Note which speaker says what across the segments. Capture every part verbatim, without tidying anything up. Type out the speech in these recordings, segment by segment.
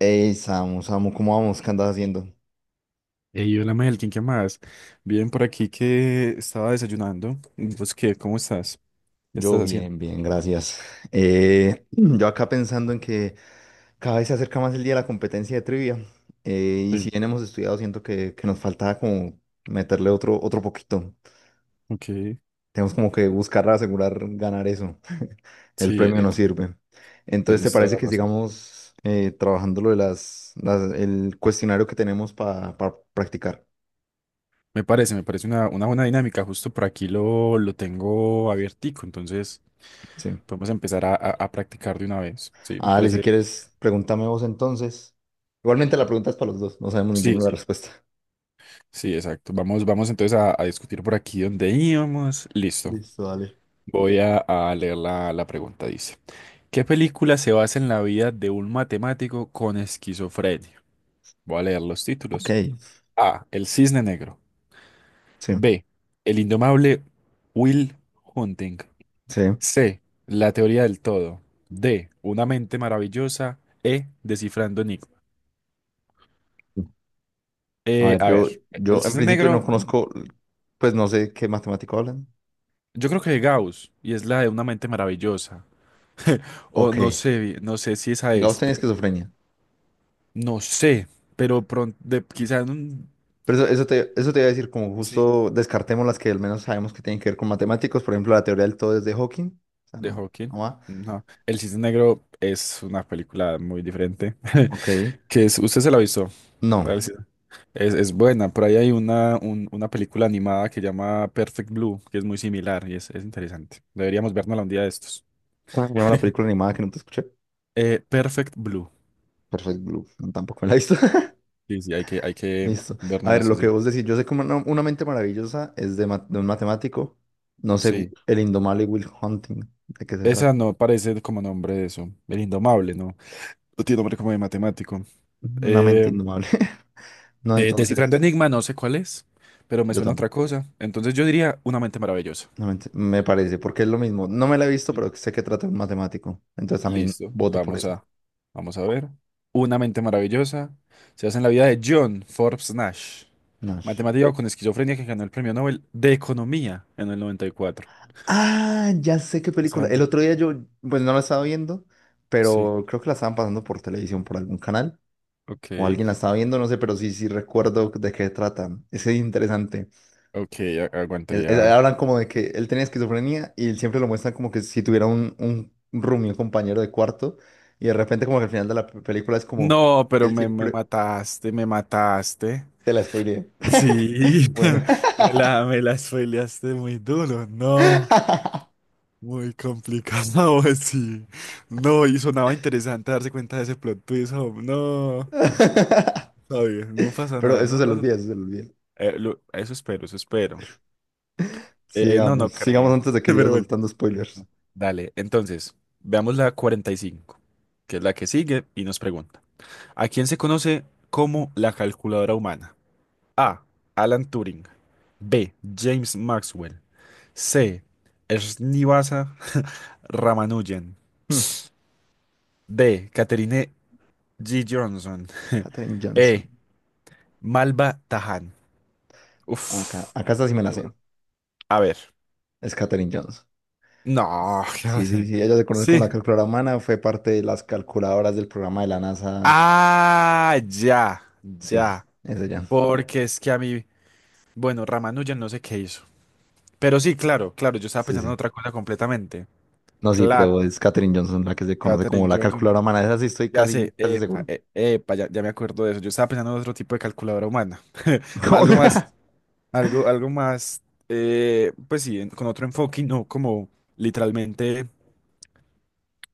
Speaker 1: Hey, Samu, Samu, ¿cómo vamos? ¿Qué andas haciendo?
Speaker 2: Ey, hola Melkin, ¿qué más? Bien, por aquí que estaba desayunando. ¿Y ¿Vos qué? ¿Cómo estás? ¿Qué
Speaker 1: Yo
Speaker 2: estás haciendo?
Speaker 1: bien, bien, gracias. Eh, yo acá pensando en que cada vez se acerca más el día de la competencia de trivia. Eh, y si
Speaker 2: Sí,
Speaker 1: bien hemos estudiado, siento que, que nos faltaba como meterle otro, otro poquito.
Speaker 2: ok.
Speaker 1: Tenemos como que buscar asegurar ganar eso. El
Speaker 2: Sí,
Speaker 1: premio
Speaker 2: eh,
Speaker 1: nos
Speaker 2: te-
Speaker 1: sirve. Entonces, ¿te
Speaker 2: tenés toda
Speaker 1: parece
Speaker 2: la
Speaker 1: que
Speaker 2: razón.
Speaker 1: sigamos eh, trabajando lo de las, las- el cuestionario que tenemos para practicar?
Speaker 2: Me parece, me parece una, una buena dinámica. Justo por aquí lo, lo tengo abiertico, entonces
Speaker 1: Sí.
Speaker 2: podemos empezar a, a- a practicar de una vez. Sí, me
Speaker 1: Ah, Ale, si
Speaker 2: parece.
Speaker 1: quieres, pregúntame vos entonces. Igualmente la pregunta es para los dos, no sabemos
Speaker 2: Sí,
Speaker 1: ninguno la
Speaker 2: sí,
Speaker 1: respuesta.
Speaker 2: sí, exacto. Vamos, vamos entonces a, a discutir por aquí donde íbamos. Listo.
Speaker 1: Listo, dale.
Speaker 2: Voy a, a leer la, la pregunta, dice. ¿Qué película se basa en la vida de un matemático con esquizofrenia? Voy a leer los
Speaker 1: Ok,
Speaker 2: títulos. A. El cisne negro.
Speaker 1: sí,
Speaker 2: B. El indomable Will Hunting.
Speaker 1: sí.
Speaker 2: C. La teoría del todo. D. Una mente maravillosa. E. Descifrando Nick.
Speaker 1: A
Speaker 2: Eh,
Speaker 1: ver,
Speaker 2: a
Speaker 1: yo,
Speaker 2: ver,
Speaker 1: yo
Speaker 2: el
Speaker 1: en
Speaker 2: cisne
Speaker 1: principio no
Speaker 2: negro, no.
Speaker 1: conozco, pues no sé qué matemático hablan.
Speaker 2: Yo creo que de Gauss, y es la de una mente maravillosa. O
Speaker 1: Ok,
Speaker 2: no sé, no sé si esa
Speaker 1: Gauss
Speaker 2: es,
Speaker 1: tenía
Speaker 2: pero
Speaker 1: esquizofrenia.
Speaker 2: no sé. Pero pronto, quizás un.
Speaker 1: Pero eso, eso te, eso te iba a decir, como
Speaker 2: Sí.
Speaker 1: justo descartemos las que al menos sabemos que tienen que ver con matemáticos, por ejemplo, la teoría del todo es de Hawking. O sea,
Speaker 2: De
Speaker 1: no,
Speaker 2: Hawking.
Speaker 1: no va.
Speaker 2: No. El cisne negro es una película muy diferente.
Speaker 1: Ok,
Speaker 2: Que es, ¿usted se la avisó?
Speaker 1: no.
Speaker 2: Gracias. Es, es buena. Por ahí hay una, un- una película animada que llama Perfect Blue, que es muy similar y es, es interesante. Deberíamos vernosla un día de estos.
Speaker 1: ¿Cómo se llama la película animada que no te escuché?
Speaker 2: Eh, Perfect Blue.
Speaker 1: Perfect Blue, no, tampoco me la he visto.
Speaker 2: Sí, sí, hay que, hay que
Speaker 1: Listo. A
Speaker 2: vernosla
Speaker 1: ver, lo
Speaker 2: estos
Speaker 1: que
Speaker 2: días.
Speaker 1: vos decís, yo sé que una, una mente maravillosa es de, ma- de un matemático, no sé,
Speaker 2: Sí.
Speaker 1: el indomable Will Hunting, ¿de qué se trata?
Speaker 2: Esa no parece como nombre de eso. El Indomable, ¿no? No tiene nombre como de matemático.
Speaker 1: Una mente
Speaker 2: Eh,
Speaker 1: indomable. No,
Speaker 2: eh, Descifrando
Speaker 1: entonces,
Speaker 2: Enigma, no sé cuál es, pero me
Speaker 1: yo
Speaker 2: suena a otra
Speaker 1: tampoco.
Speaker 2: cosa. Entonces yo diría Una mente maravillosa.
Speaker 1: Una mente, me parece, porque es lo mismo. No me la he visto, pero sé que trata de un matemático. Entonces también
Speaker 2: Listo,
Speaker 1: voto por
Speaker 2: vamos
Speaker 1: eso.
Speaker 2: a, vamos a ver. Una mente maravillosa. Se hace en la vida de John Forbes Nash,
Speaker 1: Nash.
Speaker 2: matemático con esquizofrenia que ganó el premio Nobel de Economía en el noventa y cuatro.
Speaker 1: Ah, ya sé qué película. El
Speaker 2: Interesante.
Speaker 1: otro día yo, pues no la estaba viendo,
Speaker 2: Sí,
Speaker 1: pero creo que la estaban pasando por televisión, por algún canal,
Speaker 2: Ok.
Speaker 1: o alguien la estaba viendo, no sé, pero sí, sí recuerdo de qué trata. Es interesante.
Speaker 2: Ok, a-
Speaker 1: Es- es-
Speaker 2: aguantaría.
Speaker 1: hablan como de que él tenía esquizofrenia y siempre lo muestran como que si tuviera un, un un roomie, un compañero de cuarto. Y de repente como que al final de la pe- película es como,
Speaker 2: No, pero
Speaker 1: él
Speaker 2: me, me
Speaker 1: siempre
Speaker 2: mataste, me mataste.
Speaker 1: te la spoileé.
Speaker 2: Sí,
Speaker 1: Bueno.
Speaker 2: me la, me la spoileaste muy duro, no, muy complicado, sí, no, y sonaba interesante darse cuenta de ese plot twist, hom, no, está bien, no pasa
Speaker 1: Pero
Speaker 2: nada,
Speaker 1: eso
Speaker 2: no
Speaker 1: se lo
Speaker 2: pasa.
Speaker 1: olvida, eso se lo olvida.
Speaker 2: Eh, lo- eso espero, eso espero. Eh, no,
Speaker 1: Sigamos,
Speaker 2: no
Speaker 1: sigamos
Speaker 2: creo.
Speaker 1: antes de que siga
Speaker 2: Pero bueno.
Speaker 1: soltando spoilers.
Speaker 2: Dale, entonces, veamos la cuarenta y cinco, que es la que sigue y nos pregunta. ¿A quién se conoce como la calculadora humana? A. Alan Turing. B. James Maxwell. C. Srinivasa Ramanujan.
Speaker 1: Hmm,
Speaker 2: D. Catherine G. Johnson.
Speaker 1: Katherine
Speaker 2: E.
Speaker 1: Johnson.
Speaker 2: Malva Tahan.
Speaker 1: Acá,
Speaker 2: Uf.
Speaker 1: acá esta sí me la sé.
Speaker 2: Duro. A ver.
Speaker 1: Es Katherine Johnson.
Speaker 2: No, ¿qué va a
Speaker 1: Sí, sí,
Speaker 2: ser?
Speaker 1: sí, ella se conoce como
Speaker 2: Sí.
Speaker 1: la calculadora humana, fue parte de las calculadoras del programa de la NASA.
Speaker 2: Ah, ya,
Speaker 1: Sí,
Speaker 2: ya.
Speaker 1: es ella.
Speaker 2: Porque es que a mí, bueno, Ramanujan no sé qué hizo. Pero sí, claro, claro, yo estaba
Speaker 1: Sí,
Speaker 2: pensando en
Speaker 1: sí.
Speaker 2: otra cosa completamente.
Speaker 1: No, sí,
Speaker 2: Claro,
Speaker 1: pero es Katherine Johnson la que se conoce como
Speaker 2: Katherine
Speaker 1: la
Speaker 2: Johnson.
Speaker 1: calculadora humana. Esa sí estoy
Speaker 2: Ya
Speaker 1: casi,
Speaker 2: sé,
Speaker 1: casi
Speaker 2: epa,
Speaker 1: seguro.
Speaker 2: e- epa, ya, ya me acuerdo de eso. Yo estaba pensando en otro tipo de calculadora humana. Ma- Algo más, algo, algo más, eh, pues sí, en- con otro enfoque y no como literalmente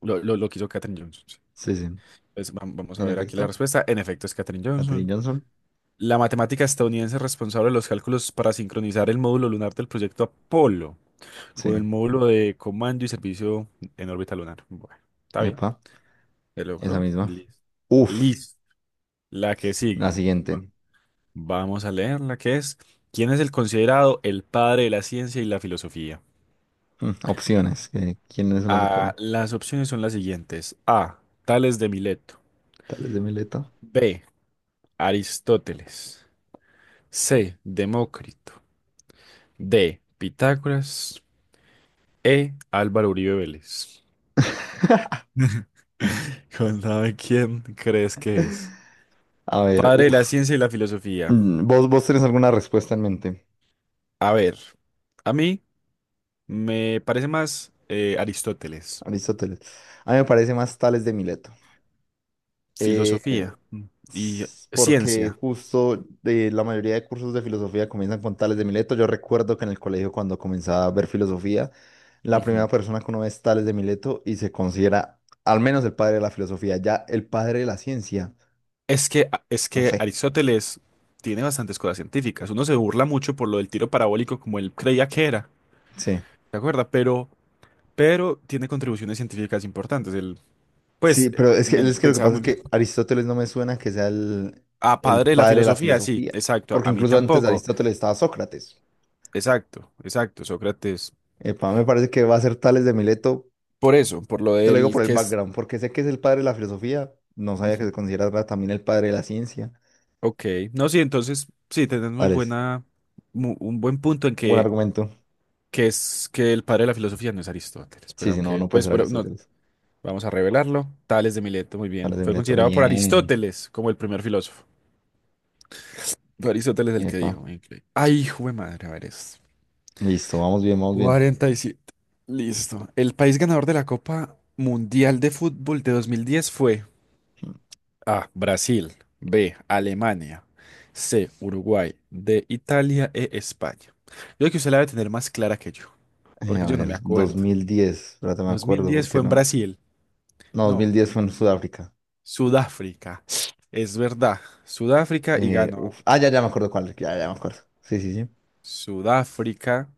Speaker 2: lo, lo, lo que hizo Katherine Johnson. Sí.
Speaker 1: Sí, sí.
Speaker 2: Pues, vam- vamos a
Speaker 1: En
Speaker 2: ver aquí la
Speaker 1: efecto,
Speaker 2: respuesta. En efecto, es Katherine
Speaker 1: Katherine
Speaker 2: Johnson.
Speaker 1: Johnson.
Speaker 2: La matemática estadounidense responsable de los cálculos para sincronizar el módulo lunar del proyecto Apolo
Speaker 1: Sí.
Speaker 2: con el módulo de comando y servicio en órbita lunar. Bueno, está bien.
Speaker 1: Epa,
Speaker 2: Se
Speaker 1: esa
Speaker 2: logró.
Speaker 1: misma.
Speaker 2: Listo.
Speaker 1: Uf,
Speaker 2: Listo. La que
Speaker 1: la
Speaker 2: sigue.
Speaker 1: siguiente.
Speaker 2: Vamos a leer la que es. ¿Quién es el considerado el padre de la ciencia y la filosofía?
Speaker 1: Mm, opciones. eh, ¿Quiénes son las opciones?
Speaker 2: Ah, las opciones son las siguientes. A. Tales de Mileto.
Speaker 1: Tales de Mileto.
Speaker 2: B. Aristóteles. C. Demócrito. D. Pitágoras. E. Álvaro Uribe Vélez. Contame quién crees que es.
Speaker 1: A ver,
Speaker 2: Padre de la
Speaker 1: uf.
Speaker 2: ciencia y la filosofía.
Speaker 1: Mm, ¿Vos, vos tenés alguna respuesta en mente?
Speaker 2: A ver, a mí me parece más eh, Aristóteles.
Speaker 1: Aristóteles. A mí me parece más Tales de Mileto.
Speaker 2: Filosofía mm, y
Speaker 1: S- porque
Speaker 2: ciencia.
Speaker 1: justo de la mayoría de cursos de filosofía comienzan con Tales de Mileto. Yo recuerdo que en el colegio cuando comenzaba a ver filosofía, la primera
Speaker 2: Ujú.
Speaker 1: persona que uno ve es Tales de Mileto y se considera al menos el padre de la filosofía, ya el padre de la ciencia,
Speaker 2: Es que, es
Speaker 1: no
Speaker 2: que
Speaker 1: sé,
Speaker 2: Aristóteles tiene bastantes cosas científicas. Uno se burla mucho por lo del tiro parabólico como él creía que era,
Speaker 1: sí.
Speaker 2: ¿te acuerdas? Pero, pero tiene contribuciones científicas importantes. Él,
Speaker 1: Sí,
Speaker 2: pues,
Speaker 1: pero
Speaker 2: eh,
Speaker 1: es que,
Speaker 2: me-
Speaker 1: es que lo que
Speaker 2: pensaba
Speaker 1: pasa es
Speaker 2: muy bien.
Speaker 1: que Aristóteles no me suena que sea el,
Speaker 2: Ah,
Speaker 1: el
Speaker 2: padre de la
Speaker 1: padre de la
Speaker 2: filosofía, sí,
Speaker 1: filosofía,
Speaker 2: exacto.
Speaker 1: porque
Speaker 2: A mí
Speaker 1: incluso antes de
Speaker 2: tampoco.
Speaker 1: Aristóteles estaba Sócrates.
Speaker 2: Exacto, exacto, Sócrates.
Speaker 1: Epa, me parece que va a ser Tales de Mileto.
Speaker 2: Por eso, por lo
Speaker 1: Te lo digo por
Speaker 2: del
Speaker 1: el
Speaker 2: que es.
Speaker 1: background, porque sé que es el padre de la filosofía. No sabía que se
Speaker 2: Ujú.
Speaker 1: consideraba también el padre de la ciencia.
Speaker 2: Ok. No, sí, entonces, sí, tenés muy
Speaker 1: Alex,
Speaker 2: buena, mu- un buen punto en
Speaker 1: buen
Speaker 2: que,
Speaker 1: argumento.
Speaker 2: que es que el padre de la filosofía no es Aristóteles. Pues
Speaker 1: Sí, sí, no,
Speaker 2: aunque,
Speaker 1: no puede
Speaker 2: pues,
Speaker 1: ser
Speaker 2: bueno, no,
Speaker 1: Aristóteles.
Speaker 2: vamos a revelarlo. Tales de Mileto, muy bien.
Speaker 1: Alex de
Speaker 2: Fue
Speaker 1: Mileto,
Speaker 2: considerado por
Speaker 1: bien.
Speaker 2: Aristóteles como el primer filósofo. Fue Aristóteles el que
Speaker 1: Epa.
Speaker 2: dijo, increíble. Ay, hijo de madre, a ver esto.
Speaker 1: Listo, vamos bien, vamos bien.
Speaker 2: Cuarenta y siete. Listo. El país ganador de la Copa Mundial de Fútbol de dos mil diez fue A. Brasil. B. Alemania. C. Uruguay. D. Italia. E. España. Yo creo que usted la debe tener más clara que yo,
Speaker 1: Eh, a
Speaker 2: porque yo no
Speaker 1: ver,
Speaker 2: me acuerdo.
Speaker 1: dos mil diez, espérate, me
Speaker 2: Dos mil
Speaker 1: acuerdo,
Speaker 2: diez
Speaker 1: ¿porque
Speaker 2: fue en
Speaker 1: no?
Speaker 2: Brasil.
Speaker 1: No, dos
Speaker 2: No,
Speaker 1: mil diez fue en Sudáfrica.
Speaker 2: Sudáfrica. Es verdad. Sudáfrica y
Speaker 1: Eh,
Speaker 2: ganó.
Speaker 1: uf. Ah, ya, ya me acuerdo cuál, ya, ya me acuerdo. Sí, sí, sí.
Speaker 2: Sudáfrica.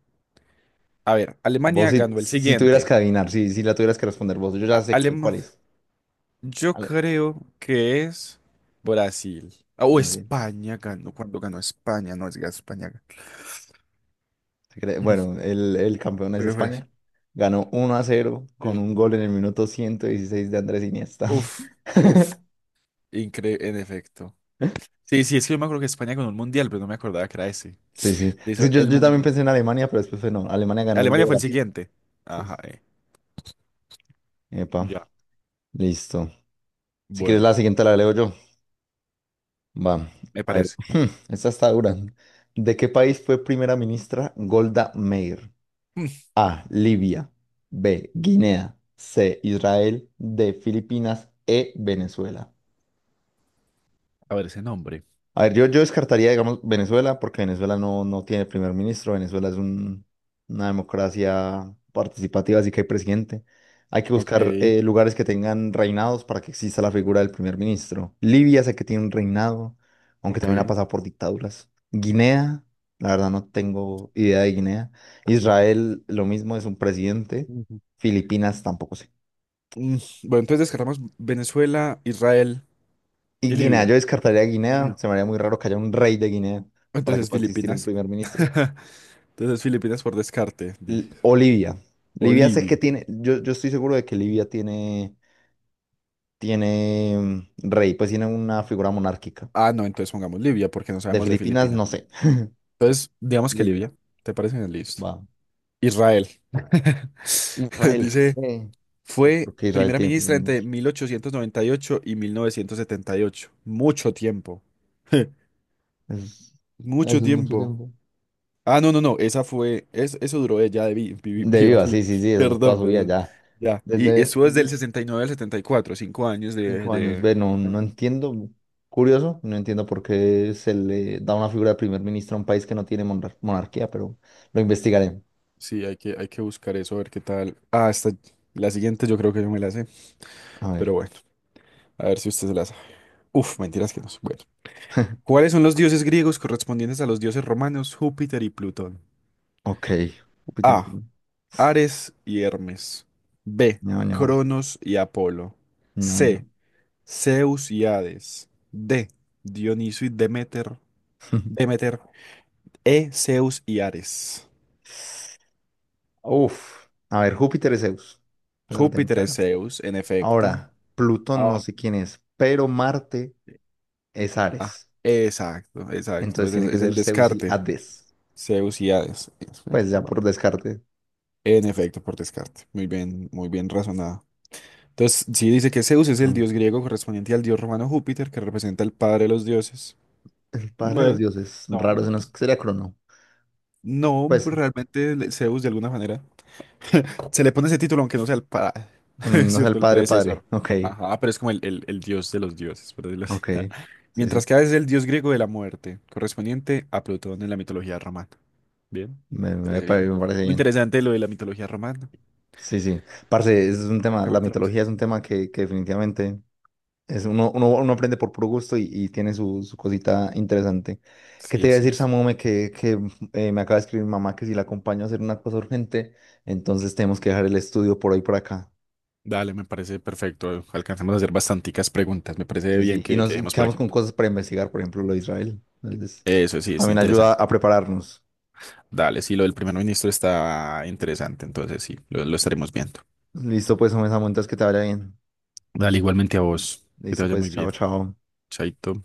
Speaker 2: A ver,
Speaker 1: Vos
Speaker 2: Alemania
Speaker 1: si,
Speaker 2: ganó el
Speaker 1: si tuvieras
Speaker 2: siguiente.
Speaker 1: que adivinar, si, si la tuvieras que responder vos, yo ya sé qué, cuál
Speaker 2: Alemania.
Speaker 1: es.
Speaker 2: Yo creo que es Brasil. Ah, O
Speaker 1: Vale,
Speaker 2: España ganó. Cuando ganó España, no es que España, ganó.
Speaker 1: Cre-
Speaker 2: Mm,
Speaker 1: bueno, el, el campeón es
Speaker 2: Pero Brasil.
Speaker 1: España. Ganó uno a cero con
Speaker 2: Sí.
Speaker 1: un gol en el minuto ciento dieciséis de Andrés Iniesta.
Speaker 2: Uf, uf, incre en efecto. Sí, sí, es que yo me acuerdo que España ganó un mundial, pero no me acordaba que era ese.
Speaker 1: Sí, sí.
Speaker 2: Le hizo
Speaker 1: Sí, yo,
Speaker 2: el
Speaker 1: yo también
Speaker 2: mundial.
Speaker 1: pensé en Alemania, pero después fue no. Alemania ganó el
Speaker 2: Alemania
Speaker 1: de
Speaker 2: fue el
Speaker 1: Brasil.
Speaker 2: siguiente.
Speaker 1: Sí.
Speaker 2: Ajá,
Speaker 1: Sí.
Speaker 2: eh,
Speaker 1: Epa,
Speaker 2: Ya.
Speaker 1: listo. Si quieres
Speaker 2: Bueno,
Speaker 1: la siguiente la leo yo. Va.
Speaker 2: me
Speaker 1: A ver.
Speaker 2: parece.
Speaker 1: Esta está dura. ¿De qué país fue primera ministra Golda Meir?
Speaker 2: Mm,
Speaker 1: A. Libia. B. Guinea. C. Israel. D. Filipinas. E. Venezuela.
Speaker 2: A ver ese nombre.
Speaker 1: A ver, yo, yo descartaría, digamos, Venezuela, porque Venezuela no, no tiene primer ministro. Venezuela es un- una democracia participativa, así que hay presidente. Hay que
Speaker 2: Ok,
Speaker 1: buscar eh, lugares que tengan reinados para que exista la figura del primer ministro. Libia sé que tiene un reinado, aunque también ha
Speaker 2: ok.
Speaker 1: pasado por dictaduras. Guinea, la verdad no tengo idea de Guinea. Israel, lo mismo, es un presidente.
Speaker 2: Ujú.
Speaker 1: Filipinas, tampoco sé.
Speaker 2: Mm, Bueno, entonces descartamos Venezuela, Israel
Speaker 1: Y
Speaker 2: y
Speaker 1: Guinea, yo
Speaker 2: Libia.
Speaker 1: descartaría Guinea.
Speaker 2: No.
Speaker 1: Se me haría muy raro que haya un rey de Guinea para que
Speaker 2: Entonces
Speaker 1: pueda existir un
Speaker 2: Filipinas.
Speaker 1: primer ministro.
Speaker 2: Entonces Filipinas por descarte, dije.
Speaker 1: L- O Livia.
Speaker 2: O
Speaker 1: Livia sé que
Speaker 2: Libia.
Speaker 1: tiene, yo, yo estoy seguro de que Libia tiene, tiene mm, rey, pues tiene una figura monárquica.
Speaker 2: Ah, no, entonces pongamos Libia porque no
Speaker 1: De
Speaker 2: sabemos de
Speaker 1: Filipinas,
Speaker 2: Filipinas.
Speaker 1: no sé.
Speaker 2: Entonces, digamos que
Speaker 1: Libia,
Speaker 2: Libia. ¿Te parece bien? Listo.
Speaker 1: va.
Speaker 2: Israel.
Speaker 1: Israel,
Speaker 2: Dice,
Speaker 1: eh,
Speaker 2: fue
Speaker 1: porque Israel
Speaker 2: primera
Speaker 1: tiene primer
Speaker 2: ministra entre
Speaker 1: ministro.
Speaker 2: mil ochocientos noventa y ocho y mil novecientos setenta y ocho. Mucho tiempo.
Speaker 1: Es- Eso es
Speaker 2: Mucho
Speaker 1: mucho
Speaker 2: tiempo.
Speaker 1: tiempo.
Speaker 2: Ah, no, no, no. Esa fue. es- eso duró ella de vi- vi-
Speaker 1: De
Speaker 2: viva,
Speaker 1: viva,
Speaker 2: viva.
Speaker 1: sí, sí, sí, eso es toda
Speaker 2: Perdón,
Speaker 1: su vida
Speaker 2: perdón.
Speaker 1: ya.
Speaker 2: Ya. Y
Speaker 1: Desde
Speaker 2: eso es
Speaker 1: mm,
Speaker 2: del sesenta y nueve al setenta y cuatro, cinco años. de,
Speaker 1: cinco años.
Speaker 2: de...
Speaker 1: Ve, no, no entiendo. Curioso, no entiendo por qué se le da una figura de primer ministro a un país que no tiene monar- monarquía, pero lo investigaré.
Speaker 2: Sí, hay que, hay que buscar eso, a ver qué tal. Ah, esta, la siguiente yo creo que yo me la sé,
Speaker 1: A ver.
Speaker 2: pero bueno, a ver si usted se la sabe. Uf, mentiras que no. Bueno. ¿Cuáles son los dioses griegos correspondientes a los dioses romanos Júpiter y Plutón?
Speaker 1: Ok, Júpiter,
Speaker 2: A. Ares y Hermes. B.
Speaker 1: no, no,
Speaker 2: Cronos y Apolo.
Speaker 1: no, no.
Speaker 2: C. Zeus y Hades. D. Dioniso y Demeter. Demeter. E. Zeus y Ares.
Speaker 1: Uf, a ver, Júpiter es Zeus, esa la tengo
Speaker 2: Júpiter es
Speaker 1: clara.
Speaker 2: Zeus, en efecto.
Speaker 1: Ahora, Plutón no
Speaker 2: Ahora.
Speaker 1: sé quién es, pero Marte es
Speaker 2: Ah,
Speaker 1: Ares,
Speaker 2: exacto, exacto.
Speaker 1: entonces
Speaker 2: Ese Es,
Speaker 1: tiene que
Speaker 2: es el
Speaker 1: ser Zeus y
Speaker 2: descarte.
Speaker 1: Hades,
Speaker 2: Zeus y Hades.
Speaker 1: pues
Speaker 2: Perfecto,
Speaker 1: ya por
Speaker 2: vamos a-
Speaker 1: descarte.
Speaker 2: En efecto, por descarte. Muy bien, muy bien razonado. Entonces, sí dice que Zeus es el
Speaker 1: Sí.
Speaker 2: dios griego correspondiente al dios romano Júpiter, que representa el padre de los dioses.
Speaker 1: El padre de los
Speaker 2: Bueno,
Speaker 1: dioses,
Speaker 2: no,
Speaker 1: raro, ese
Speaker 2: pues,
Speaker 1: no es-
Speaker 2: pues,
Speaker 1: sería Crono,
Speaker 2: no,
Speaker 1: pues
Speaker 2: realmente le- Zeus de alguna manera se le pone ese título, aunque no sea el padre,
Speaker 1: mm,
Speaker 2: es
Speaker 1: no es el
Speaker 2: cierto, el
Speaker 1: padre
Speaker 2: predecesor.
Speaker 1: padre, ok,
Speaker 2: Ajá, pero es como el, el- el dios de los dioses, por decirlo así.
Speaker 1: ok, sí,
Speaker 2: Mientras
Speaker 1: sí,
Speaker 2: que Hades es el dios griego de la muerte, correspondiente a Plutón en la mitología romana. Bien,
Speaker 1: me, me- me
Speaker 2: parece bien.
Speaker 1: parece
Speaker 2: Muy
Speaker 1: bien,
Speaker 2: interesante lo de la mitología romana.
Speaker 1: sí, sí. Parce, es un tema, la
Speaker 2: Exactamente lo mismo.
Speaker 1: mitología es un tema que, que definitivamente... Es uno, uno, uno aprende por puro gusto y, y tiene su, su cosita interesante. ¿Qué te
Speaker 2: Sí,
Speaker 1: iba a
Speaker 2: sí
Speaker 1: decir,
Speaker 2: es.
Speaker 1: Samome? Que, que eh, me acaba de escribir mi mamá que si la acompaño a hacer una cosa urgente, entonces tenemos que dejar el estudio por hoy por acá.
Speaker 2: Dale, me parece perfecto. Alcanzamos a hacer bastanticas preguntas. Me parece
Speaker 1: Sí, sí.
Speaker 2: bien
Speaker 1: Y
Speaker 2: que, que
Speaker 1: nos y
Speaker 2: dejemos por
Speaker 1: quedamos
Speaker 2: aquí.
Speaker 1: con cosas para investigar, por ejemplo, lo de Israel. Entonces,
Speaker 2: Eso sí, está
Speaker 1: también ayuda
Speaker 2: interesante.
Speaker 1: a prepararnos.
Speaker 2: Dale, sí, lo del primer ministro está interesante. Entonces sí, lo, lo estaremos viendo.
Speaker 1: Listo, pues, Samome, Samu, entonces que te vaya bien.
Speaker 2: Dale, igualmente a vos. Que te
Speaker 1: Listo,
Speaker 2: vaya
Speaker 1: pues,
Speaker 2: muy
Speaker 1: chao,
Speaker 2: bien.
Speaker 1: chao.
Speaker 2: Chaito.